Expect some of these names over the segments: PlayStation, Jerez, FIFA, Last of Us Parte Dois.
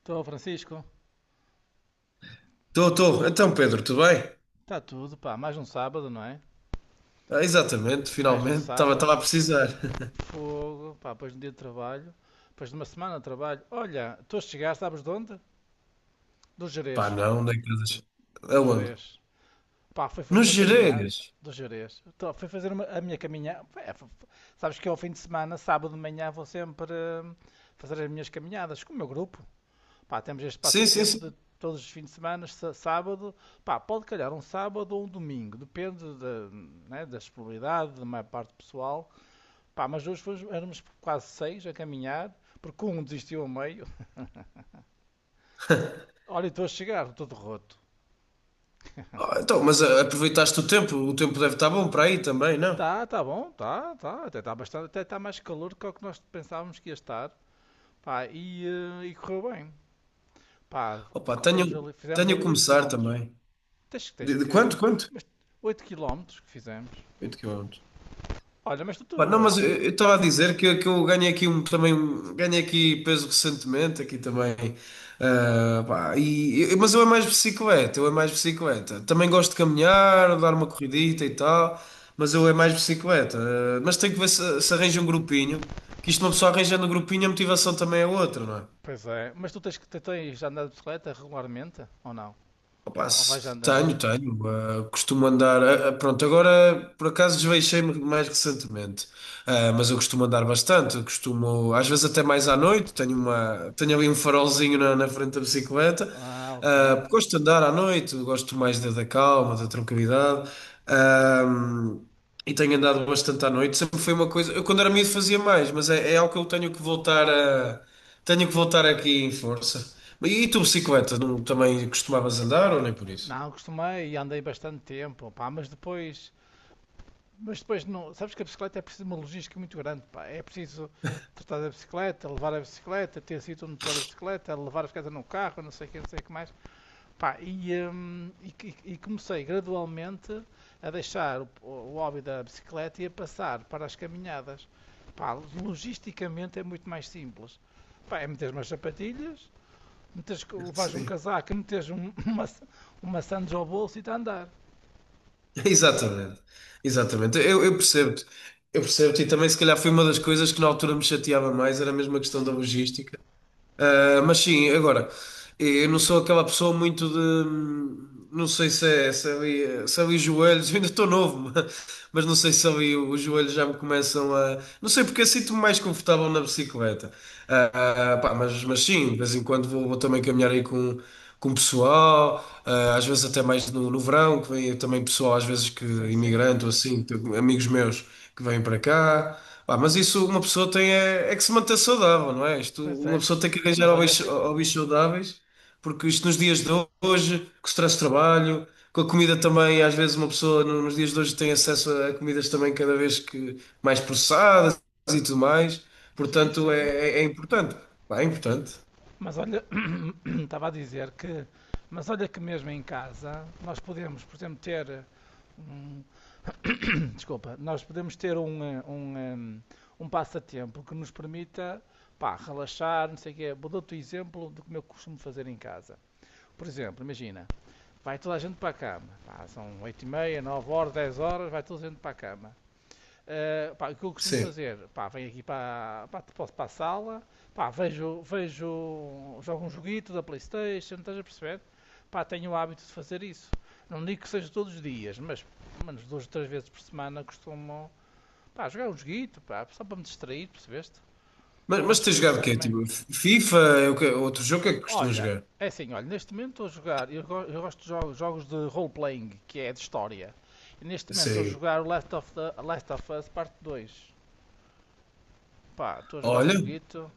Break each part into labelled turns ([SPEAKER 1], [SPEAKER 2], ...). [SPEAKER 1] Estou, Francisco.
[SPEAKER 2] Estou, estou. Então, Pedro, tudo bem?
[SPEAKER 1] Está tudo, pá. Mais um sábado, não é?
[SPEAKER 2] Ah, exatamente,
[SPEAKER 1] Mais um
[SPEAKER 2] finalmente. Estava,
[SPEAKER 1] sábado.
[SPEAKER 2] estava a precisar.
[SPEAKER 1] Fogo, pá. Depois de um dia de trabalho. Depois de uma semana de trabalho. Olha, estou a chegar, sabes de onde? Do
[SPEAKER 2] Pá,
[SPEAKER 1] Jerez.
[SPEAKER 2] não, nem casas.
[SPEAKER 1] Do
[SPEAKER 2] Aonde?
[SPEAKER 1] Jerez. Pá, fui fazer
[SPEAKER 2] Nos
[SPEAKER 1] uma caminhada
[SPEAKER 2] Gerês.
[SPEAKER 1] do Jerez. Tô, fui fazer a minha caminhada. Sabes que ao fim de semana, sábado de manhã, vou sempre hum, fazer as minhas caminhadas com o meu grupo. Pá, temos este
[SPEAKER 2] Sim, sim,
[SPEAKER 1] passatempo de
[SPEAKER 2] sim.
[SPEAKER 1] todos os fins de semana, sábado, pá, pode calhar um sábado ou um domingo, depende da, né, da disponibilidade da maior parte do pessoal. Pá, mas hoje éramos quase seis a caminhar, porque um desistiu ao meio. Olha, estou a chegar, todo roto.
[SPEAKER 2] Ah, então, mas aproveitaste o tempo. O tempo deve estar bom para aí também, não?
[SPEAKER 1] Tá, tá bom, tá, tá, até está bastante, até está mais calor do que o que nós pensávamos que ia estar. Pá, e correu bem. Pá,
[SPEAKER 2] Opa,
[SPEAKER 1] percorremos
[SPEAKER 2] tenho,
[SPEAKER 1] ali, fizemos
[SPEAKER 2] tenho a
[SPEAKER 1] ali oito
[SPEAKER 2] começar
[SPEAKER 1] quilómetros
[SPEAKER 2] também.
[SPEAKER 1] Tens
[SPEAKER 2] De
[SPEAKER 1] que.
[SPEAKER 2] quanto?
[SPEAKER 1] Mas 8 km que fizemos.
[SPEAKER 2] 8 km.
[SPEAKER 1] Olha, mas tu,
[SPEAKER 2] Pá, não,
[SPEAKER 1] tu,
[SPEAKER 2] mas eu
[SPEAKER 1] eh,
[SPEAKER 2] eu estava a dizer que eu ganhei aqui ganhei aqui peso recentemente aqui também. Ah, pá, mas eu é mais bicicleta também gosto de caminhar, dar uma corridita e tal, mas eu é mais bicicleta. Ah, mas tenho que ver se arranja um grupinho, que isto, uma pessoa arranjando um grupinho, a motivação também é outra, não é?
[SPEAKER 1] Pois é, mas tu tens andado de bicicleta regularmente ou não?
[SPEAKER 2] Opa,
[SPEAKER 1] Ou vais andando?
[SPEAKER 2] tenho. Costumo andar. Pronto, agora por acaso desveixei-me mais recentemente. Ah, mas eu costumo andar bastante. Eu costumo, às vezes até mais à noite. Tenho ali um farolzinho na, frente da bicicleta.
[SPEAKER 1] Ah, ok.
[SPEAKER 2] Ah, gosto de andar à noite. Gosto mais da calma, da tranquilidade. Ah, e tenho andado bastante à noite. Sempre foi uma coisa. Eu quando era miúdo fazia mais, mas é algo que eu tenho que voltar a. Tenho que voltar aqui em força. E tu, bicicleta, não, também costumavas andar ou nem por isso?
[SPEAKER 1] Não, costumei e andei bastante tempo, pá, mas depois não, sabes que a bicicleta é preciso uma logística muito grande, pá. É preciso tratar da bicicleta, levar a bicicleta, ter sítio onde pôr a bicicleta, levar a bicicleta no carro, não sei o que, não sei o que mais. Pá, e comecei gradualmente a deixar o hobby da bicicleta e a passar para as caminhadas. Pá, logisticamente é muito mais simples. Pá, é meter umas sapatilhas, meteres, levares um
[SPEAKER 2] Sim.
[SPEAKER 1] casaco, meteres uma sandes ao bolso e está a andar.
[SPEAKER 2] Exatamente. Exatamente. Eu percebo-te. Eu percebo-te. E também, se calhar, foi uma das coisas que na altura me chateava mais, era mesmo a questão da
[SPEAKER 1] Sim,
[SPEAKER 2] logística. Ah, mas sim, agora. Eu não sou aquela pessoa muito de. Não sei se é ali, se é ali os joelhos, eu ainda estou novo, mas não sei se ali os joelhos já me começam a. Não sei porque eu sinto-me mais confortável na bicicleta. Pá, mas sim, de vez em quando vou também caminhar aí com o pessoal, às vezes até mais no verão, que vem também pessoal, às vezes que
[SPEAKER 1] sim, sim.
[SPEAKER 2] imigrante ou assim, tenho amigos meus que vêm para cá. Pá, mas isso uma pessoa tem é que se manter saudável, não é? Isto,
[SPEAKER 1] Pois
[SPEAKER 2] uma
[SPEAKER 1] é.
[SPEAKER 2] pessoa tem que arranjar
[SPEAKER 1] Mas olha
[SPEAKER 2] hobbies,
[SPEAKER 1] que.
[SPEAKER 2] hobbies saudáveis, porque isto nos dias de hoje, com o stress de trabalho, com a comida também, às vezes uma pessoa nos dias de hoje tem acesso a comidas também cada vez que mais processadas e tudo mais.
[SPEAKER 1] Sim,
[SPEAKER 2] Portanto, é,
[SPEAKER 1] sim.
[SPEAKER 2] é, é importante. Pá, é importante.
[SPEAKER 1] Mas olha. Estava a dizer que. Mas olha que mesmo em casa nós podemos, por exemplo, um, desculpa, nós podemos ter um passatempo que nos permita, pá, relaxar, não sei o quê. Vou dar-te o exemplo do que eu costumo fazer em casa. Por exemplo, imagina, vai toda a gente para a cama. Pá, são 8h30, 9h, 10h, vai toda a gente para a cama. Pá, o que eu costumo
[SPEAKER 2] Sim.
[SPEAKER 1] fazer? Pá, venho aqui para, pá, posso para a sala, pá, jogo um joguito da Playstation, estás a perceber? Pá, tenho o hábito de fazer isso. Não digo que seja todos os dias, mas menos duas ou três vezes por semana costumo, pá, jogar um joguito, pá, só para me distrair, percebeste? É
[SPEAKER 2] Mas,
[SPEAKER 1] uma
[SPEAKER 2] mas
[SPEAKER 1] das
[SPEAKER 2] tens
[SPEAKER 1] coisas
[SPEAKER 2] jogado
[SPEAKER 1] que
[SPEAKER 2] o
[SPEAKER 1] eu
[SPEAKER 2] quê?
[SPEAKER 1] também.
[SPEAKER 2] Tipo, FIFA? É o quê? Outro jogo que é que costumas
[SPEAKER 1] Olha,
[SPEAKER 2] jogar?
[SPEAKER 1] é assim, olha, neste momento estou a jogar, eu gosto de jogos, jogos de role-playing, que é de história. E neste momento estou a
[SPEAKER 2] Sim.
[SPEAKER 1] jogar o Last of Us Parte dois. Pá, estou a jogar o
[SPEAKER 2] Olha,
[SPEAKER 1] joguito.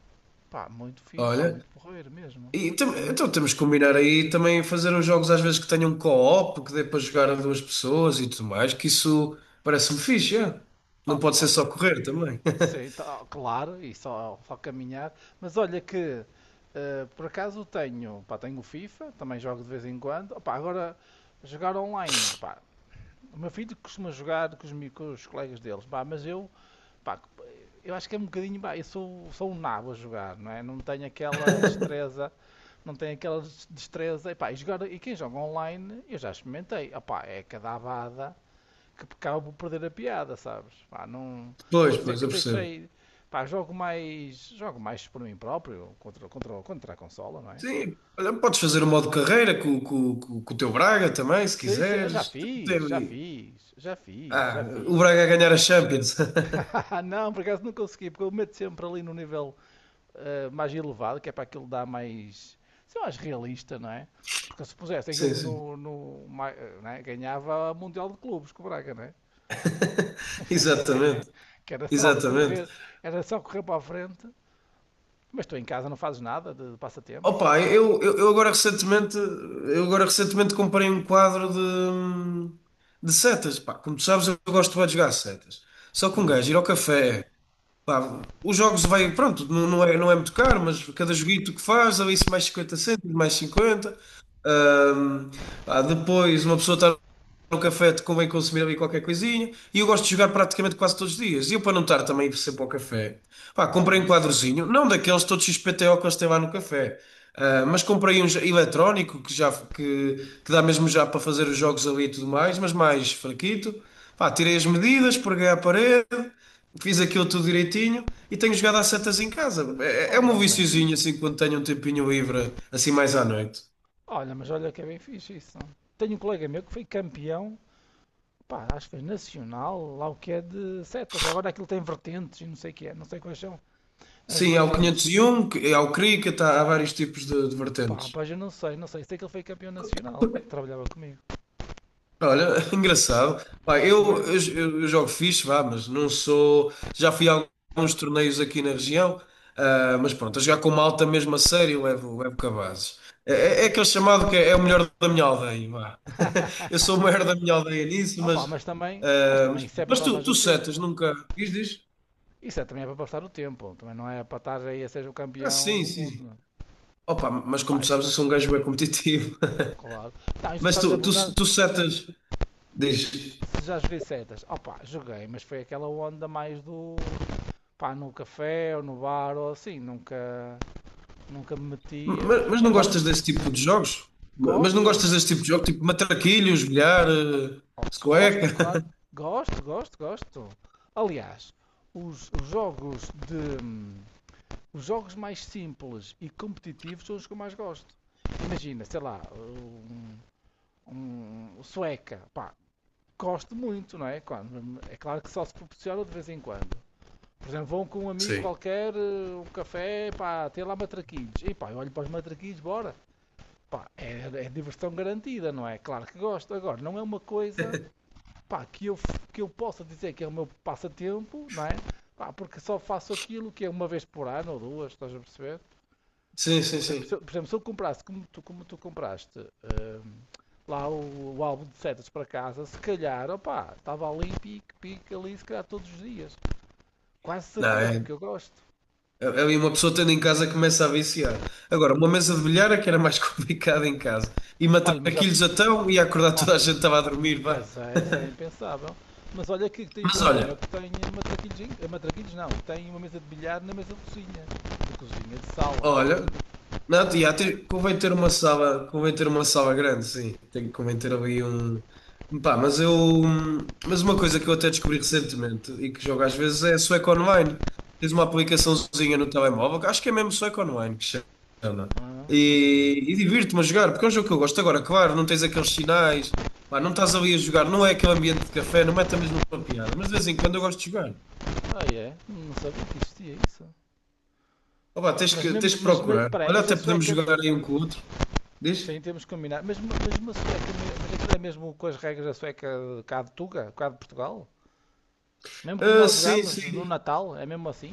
[SPEAKER 1] Pá, muito fixe,
[SPEAKER 2] olha.
[SPEAKER 1] muito porreiro mesmo.
[SPEAKER 2] E
[SPEAKER 1] Estou
[SPEAKER 2] então
[SPEAKER 1] muito.
[SPEAKER 2] temos que combinar aí também fazer uns jogos às vezes que tenham co-op, que dê para jogar a duas pessoas e tudo mais, que isso parece-me fixe, é? Não
[SPEAKER 1] Ah,
[SPEAKER 2] pode
[SPEAKER 1] bom,
[SPEAKER 2] ser só
[SPEAKER 1] e,
[SPEAKER 2] correr também.
[SPEAKER 1] sim, tá, claro, e só caminhar. Mas olha que, por acaso tenho, pá, tenho o FIFA, também jogo de vez em quando. Opá, agora, jogar online, pá, o meu filho costuma jogar com os colegas deles, pá, mas eu, pá, eu acho que é um bocadinho, pá, eu sou um nabo a jogar, não é? Não tenho aquela destreza, não tenho aquela destreza, e pá, e, jogar, e quem joga online, eu já experimentei, opá, é cada abada. Que acabo por perder a piada, sabes? Pá, não.
[SPEAKER 2] Pois,
[SPEAKER 1] Por isso é
[SPEAKER 2] pois,
[SPEAKER 1] que
[SPEAKER 2] eu percebo.
[SPEAKER 1] deixei. Pá, jogo mais. Jogo mais por mim próprio, contra a consola, não é?
[SPEAKER 2] Sim, olha, podes fazer o modo carreira com o teu Braga também, se
[SPEAKER 1] Sei, sei, já
[SPEAKER 2] quiseres.
[SPEAKER 1] fiz, já
[SPEAKER 2] Tem-
[SPEAKER 1] fiz, já fiz, já
[SPEAKER 2] Ah, o Braga a
[SPEAKER 1] fiz.
[SPEAKER 2] ganhar a Champions.
[SPEAKER 1] Não, por acaso não consegui, porque eu meto sempre ali no nível, mais elevado, que é para aquilo dar mais. Sei lá, mais realista, não é? Porque se pusesse aquilo
[SPEAKER 2] Sim, sim.
[SPEAKER 1] não é? Ganhava o Mundial de Clubes com o Braga, não é?
[SPEAKER 2] Exatamente,
[SPEAKER 1] Que
[SPEAKER 2] exatamente.
[SPEAKER 1] era só correr para a frente. Mas tu em casa não fazes nada de passatempos?
[SPEAKER 2] Opa, eu agora recentemente comprei um quadro de setas. Pá, como tu sabes, eu gosto bué de jogar setas. Só que um gajo ir
[SPEAKER 1] Uhum,
[SPEAKER 2] ao café, pá, os jogos vai, pronto, não, não é muito caro, mas cada joguito que faz, ou isso mais 50 cêntimos, mais 50. Ahm, Pá, depois uma pessoa está no café, te convém consumir ali qualquer coisinha. E eu gosto de jogar praticamente quase todos os dias. E eu, para não estar também sempre ao café, pá, comprei um
[SPEAKER 1] sim.
[SPEAKER 2] quadrozinho, não daqueles todos XPTO que eles têm lá no café, mas comprei um eletrónico que já que dá mesmo já para fazer os jogos ali e tudo mais, mas mais fraquito. Pá, tirei as medidas, preguei à parede, fiz aquilo tudo direitinho e tenho jogado às setas em casa. É
[SPEAKER 1] Olha,
[SPEAKER 2] um
[SPEAKER 1] bem
[SPEAKER 2] viciozinho
[SPEAKER 1] fixe.
[SPEAKER 2] assim quando tenho um tempinho livre, assim mais à noite.
[SPEAKER 1] Olha, mas olha que é bem fixe isso. Tenho um colega meu que foi campeão, pá, acho que foi nacional, lá o que é de setas. Agora aquilo tem vertentes e não sei o que é, não sei quais são as
[SPEAKER 2] Sim, há o
[SPEAKER 1] vertentes.
[SPEAKER 2] 501, há o cricket, há vários tipos de
[SPEAKER 1] Pá,
[SPEAKER 2] vertentes.
[SPEAKER 1] pois eu não sei, não sei. Sei que ele foi campeão nacional, que trabalhava comigo,
[SPEAKER 2] Olha, engraçado. Pá,
[SPEAKER 1] para tu
[SPEAKER 2] eu,
[SPEAKER 1] ver.
[SPEAKER 2] eu, eu jogo fixe, vá, mas não sou. Já fui a alguns torneios aqui na região, mas pronto, a jogar com malta mesmo a sério, levo cabazes. É aquele chamado que é o melhor da minha aldeia, vá. Eu sou o maior da minha aldeia nisso,
[SPEAKER 1] Ah, pá,
[SPEAKER 2] mas.
[SPEAKER 1] mas também,
[SPEAKER 2] Mas,
[SPEAKER 1] isso é para
[SPEAKER 2] mas tu,
[SPEAKER 1] passar o
[SPEAKER 2] tu setas,
[SPEAKER 1] tempo.
[SPEAKER 2] nunca. Diz, diz?
[SPEAKER 1] Isso também é para passar o tempo, também não é para estar aí a ser o
[SPEAKER 2] Ah,
[SPEAKER 1] campeão
[SPEAKER 2] sim,
[SPEAKER 1] do mundo.
[SPEAKER 2] sim.
[SPEAKER 1] Não é?
[SPEAKER 2] Opa, mas como
[SPEAKER 1] Pá,
[SPEAKER 2] tu sabes, eu sou um gajo bem competitivo.
[SPEAKER 1] claro. Tá, então,
[SPEAKER 2] Mas
[SPEAKER 1] estavas a
[SPEAKER 2] tu, tu,
[SPEAKER 1] perguntar.
[SPEAKER 2] tu setas. Diz,
[SPEAKER 1] Se já joguei setas, opá, joguei, mas foi aquela onda mais do, pá, no café ou no bar ou assim, nunca, nunca me metia.
[SPEAKER 2] mas não
[SPEAKER 1] Embora
[SPEAKER 2] gostas desse tipo de jogos? Mas não gostas
[SPEAKER 1] gosto,
[SPEAKER 2] desse tipo de jogo? Tipo matraquilhos, bilhar,
[SPEAKER 1] gosto,
[SPEAKER 2] sueca?
[SPEAKER 1] claro, gosto, gosto, gosto. Aliás, os, os jogos de os jogos mais simples e competitivos são os que eu mais gosto. Imagina, sei lá, um, um sueca, pá, gosto muito, não é? Claro, é claro que só se proporciona de vez em quando. Por exemplo, vão com um amigo
[SPEAKER 2] Sim.
[SPEAKER 1] qualquer, um café, pá, tem lá matraquilhos. E pá, eu olho para os matraquilhos, bora. Pá, é diversão garantida, não é? Claro que gosto. Agora, não é uma coisa, pá, que eu possa dizer que é o meu passatempo, não é? Pá, porque só faço aquilo que é uma vez por ano ou duas, estás a perceber?
[SPEAKER 2] Sim, sim,
[SPEAKER 1] Por exemplo, se
[SPEAKER 2] sim.
[SPEAKER 1] eu, por exemplo, se eu comprasse, como tu compraste, lá o álbum de setas para casa, se calhar, opá, estava ali, pique, pique, ali, se calhar todos os dias. Quase
[SPEAKER 2] Não,
[SPEAKER 1] certeza,
[SPEAKER 2] é,
[SPEAKER 1] porque eu gosto.
[SPEAKER 2] é, é uma pessoa tendo em casa começa a viciar. Agora, uma mesa de bilhar é que era mais complicada em casa. E
[SPEAKER 1] Olha, mas já,
[SPEAKER 2] matraquilhos então, ia acordar
[SPEAKER 1] oh,
[SPEAKER 2] toda a gente estava a dormir, vá.
[SPEAKER 1] pois é, isso era impensável. Mas olha que tem um
[SPEAKER 2] Mas
[SPEAKER 1] colega meu
[SPEAKER 2] olha.
[SPEAKER 1] que tem matraquilhos, matraquilhos não, tem uma mesa de bilhar na mesa de cozinha. De cozinha, de sala.
[SPEAKER 2] Olha, não, tia,
[SPEAKER 1] Ah,
[SPEAKER 2] ter, convém ter uma sala, convém ter uma sala grande, sim. Tem que convém ter ali um. Pá, mas eu. Mas uma coisa que eu até descobri recentemente e que jogo às vezes é Sueco Online. Tens uma aplicaçãozinha no telemóvel, que acho que é mesmo Sueco Online que se chama.
[SPEAKER 1] ah, não sabia.
[SPEAKER 2] E divirto-me a jogar, porque é um jogo que eu gosto. Agora, claro, não tens aqueles sinais, pá, não estás ali a jogar, não é aquele ambiente de café, não mete a mesma piada, mas de vez em quando eu
[SPEAKER 1] S-
[SPEAKER 2] gosto de jogar.
[SPEAKER 1] Ah, é? Não sabia que existia isso.
[SPEAKER 2] Ó pá, tens
[SPEAKER 1] Mas
[SPEAKER 2] que,
[SPEAKER 1] mesmo,
[SPEAKER 2] tens que
[SPEAKER 1] mas, mas,
[SPEAKER 2] procurar.
[SPEAKER 1] peraí,
[SPEAKER 2] Olha,
[SPEAKER 1] mas
[SPEAKER 2] até
[SPEAKER 1] a
[SPEAKER 2] podemos
[SPEAKER 1] sueca,
[SPEAKER 2] jogar aí um com o outro. Diz?
[SPEAKER 1] sim, temos que combinar, mas uma sueca, mas aquilo é mesmo com as regras da sueca cá de Tuga, cá de Portugal? Mesmo como
[SPEAKER 2] Ah,
[SPEAKER 1] nós
[SPEAKER 2] sim,
[SPEAKER 1] jogámos no
[SPEAKER 2] sim.
[SPEAKER 1] Natal, é mesmo assim?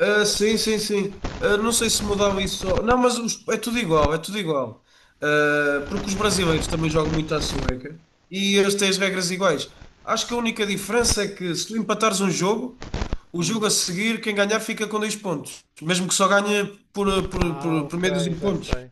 [SPEAKER 2] Ah, sim, sim, sim. Ah, não sei se mudava isso. Não, mas é tudo igual, é tudo igual. Ah, porque os brasileiros também jogam muito à sueca e eles têm as regras iguais. Acho que a única diferença é que se tu empatares um jogo, o jogo
[SPEAKER 1] Hum.
[SPEAKER 2] a seguir, quem ganhar fica com 2 pontos. Mesmo que só ganhe por, por,
[SPEAKER 1] Ah,
[SPEAKER 2] por, por
[SPEAKER 1] ok,
[SPEAKER 2] meio dos
[SPEAKER 1] já
[SPEAKER 2] pontos.
[SPEAKER 1] sei.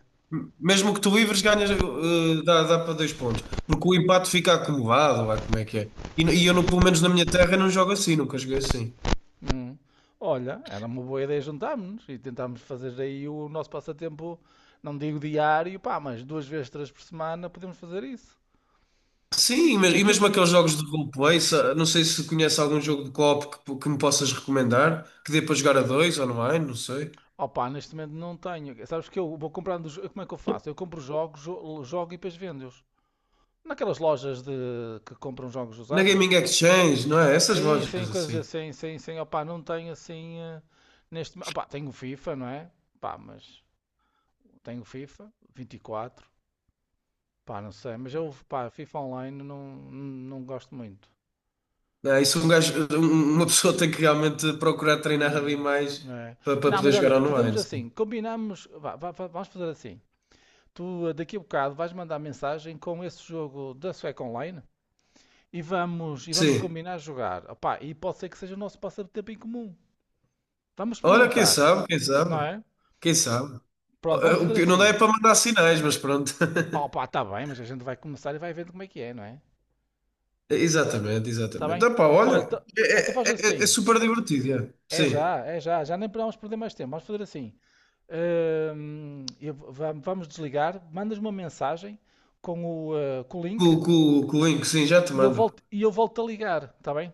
[SPEAKER 2] Mesmo que tu livres, ganhas, dá para 2 pontos. Porque o empate fica acumulado, lá como é que é. E eu, pelo menos na minha terra, não jogo assim, nunca joguei assim.
[SPEAKER 1] Hum. Olha, era uma boa ideia juntarmos e tentarmos fazer aí o nosso passatempo, não digo diário, pá, mas duas vezes, três por semana podemos fazer isso.
[SPEAKER 2] Sim,
[SPEAKER 1] E
[SPEAKER 2] e
[SPEAKER 1] aquilo,
[SPEAKER 2] mesmo
[SPEAKER 1] e,
[SPEAKER 2] aqueles jogos de roleplay, não sei se conhece algum jogo de co-op que me possas recomendar, que dê para jogar a dois online, não sei.
[SPEAKER 1] opá, neste momento não tenho. Sabes que eu vou comprando, como é que eu faço? Eu compro jogos, jogo e depois vendo-os. Naquelas lojas de que compram jogos
[SPEAKER 2] Na Gaming
[SPEAKER 1] usados.
[SPEAKER 2] Exchange, não é? Essas
[SPEAKER 1] Sim, sim,
[SPEAKER 2] lojas
[SPEAKER 1] coisas
[SPEAKER 2] assim.
[SPEAKER 1] assim, sim, sim, opá, não tenho assim, opá, tenho o FIFA, não é? Pá, mas tenho o FIFA 24. Pá, não sei, mas eu, pá, FIFA Online não, não gosto muito.
[SPEAKER 2] Não é? Isso um gajo, uma pessoa tem que realmente procurar treinar ali
[SPEAKER 1] Não,
[SPEAKER 2] mais
[SPEAKER 1] é.
[SPEAKER 2] para
[SPEAKER 1] Não,
[SPEAKER 2] poder
[SPEAKER 1] mas olha,
[SPEAKER 2] jogar
[SPEAKER 1] fazemos
[SPEAKER 2] online. Sim.
[SPEAKER 1] assim, combinamos, vá, vá, vá, vamos fazer assim. Tu, daqui a bocado vais mandar mensagem com esse jogo da Sueca Online e vamos,
[SPEAKER 2] Sim.
[SPEAKER 1] combinar jogar. Opá, e pode ser que seja o nosso passatempo em comum. Vamos
[SPEAKER 2] Olha, quem
[SPEAKER 1] experimentar,
[SPEAKER 2] sabe, quem
[SPEAKER 1] não
[SPEAKER 2] sabe,
[SPEAKER 1] é?
[SPEAKER 2] quem sabe.
[SPEAKER 1] Pronto, vamos
[SPEAKER 2] O
[SPEAKER 1] fazer
[SPEAKER 2] pior não dá é
[SPEAKER 1] assim.
[SPEAKER 2] para mandar sinais, mas pronto.
[SPEAKER 1] Oh, pá, tá bem, mas a gente vai começar e vai vendo como é que é, não é?
[SPEAKER 2] Exatamente,
[SPEAKER 1] Tá
[SPEAKER 2] exatamente.
[SPEAKER 1] bem?
[SPEAKER 2] Epá,
[SPEAKER 1] Olha,
[SPEAKER 2] olha,
[SPEAKER 1] então
[SPEAKER 2] é,
[SPEAKER 1] então faz
[SPEAKER 2] é- é- é
[SPEAKER 1] assim.
[SPEAKER 2] super divertido, é. Sim.
[SPEAKER 1] É já, já nem podemos perder mais tempo. Vamos fazer assim. Eu vamos desligar. Mandas uma mensagem com o link
[SPEAKER 2] Com o link, sim, já te
[SPEAKER 1] e eu
[SPEAKER 2] mando.
[SPEAKER 1] volto, a ligar, está bem?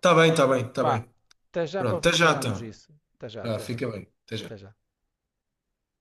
[SPEAKER 2] Tá bem, tá bem, tá
[SPEAKER 1] Vá,
[SPEAKER 2] bem.
[SPEAKER 1] até já
[SPEAKER 2] Pronto,
[SPEAKER 1] para
[SPEAKER 2] até já
[SPEAKER 1] combinarmos
[SPEAKER 2] então.
[SPEAKER 1] isso. Até já,
[SPEAKER 2] Ah,
[SPEAKER 1] até já,
[SPEAKER 2] fica bem, até já.
[SPEAKER 1] até já.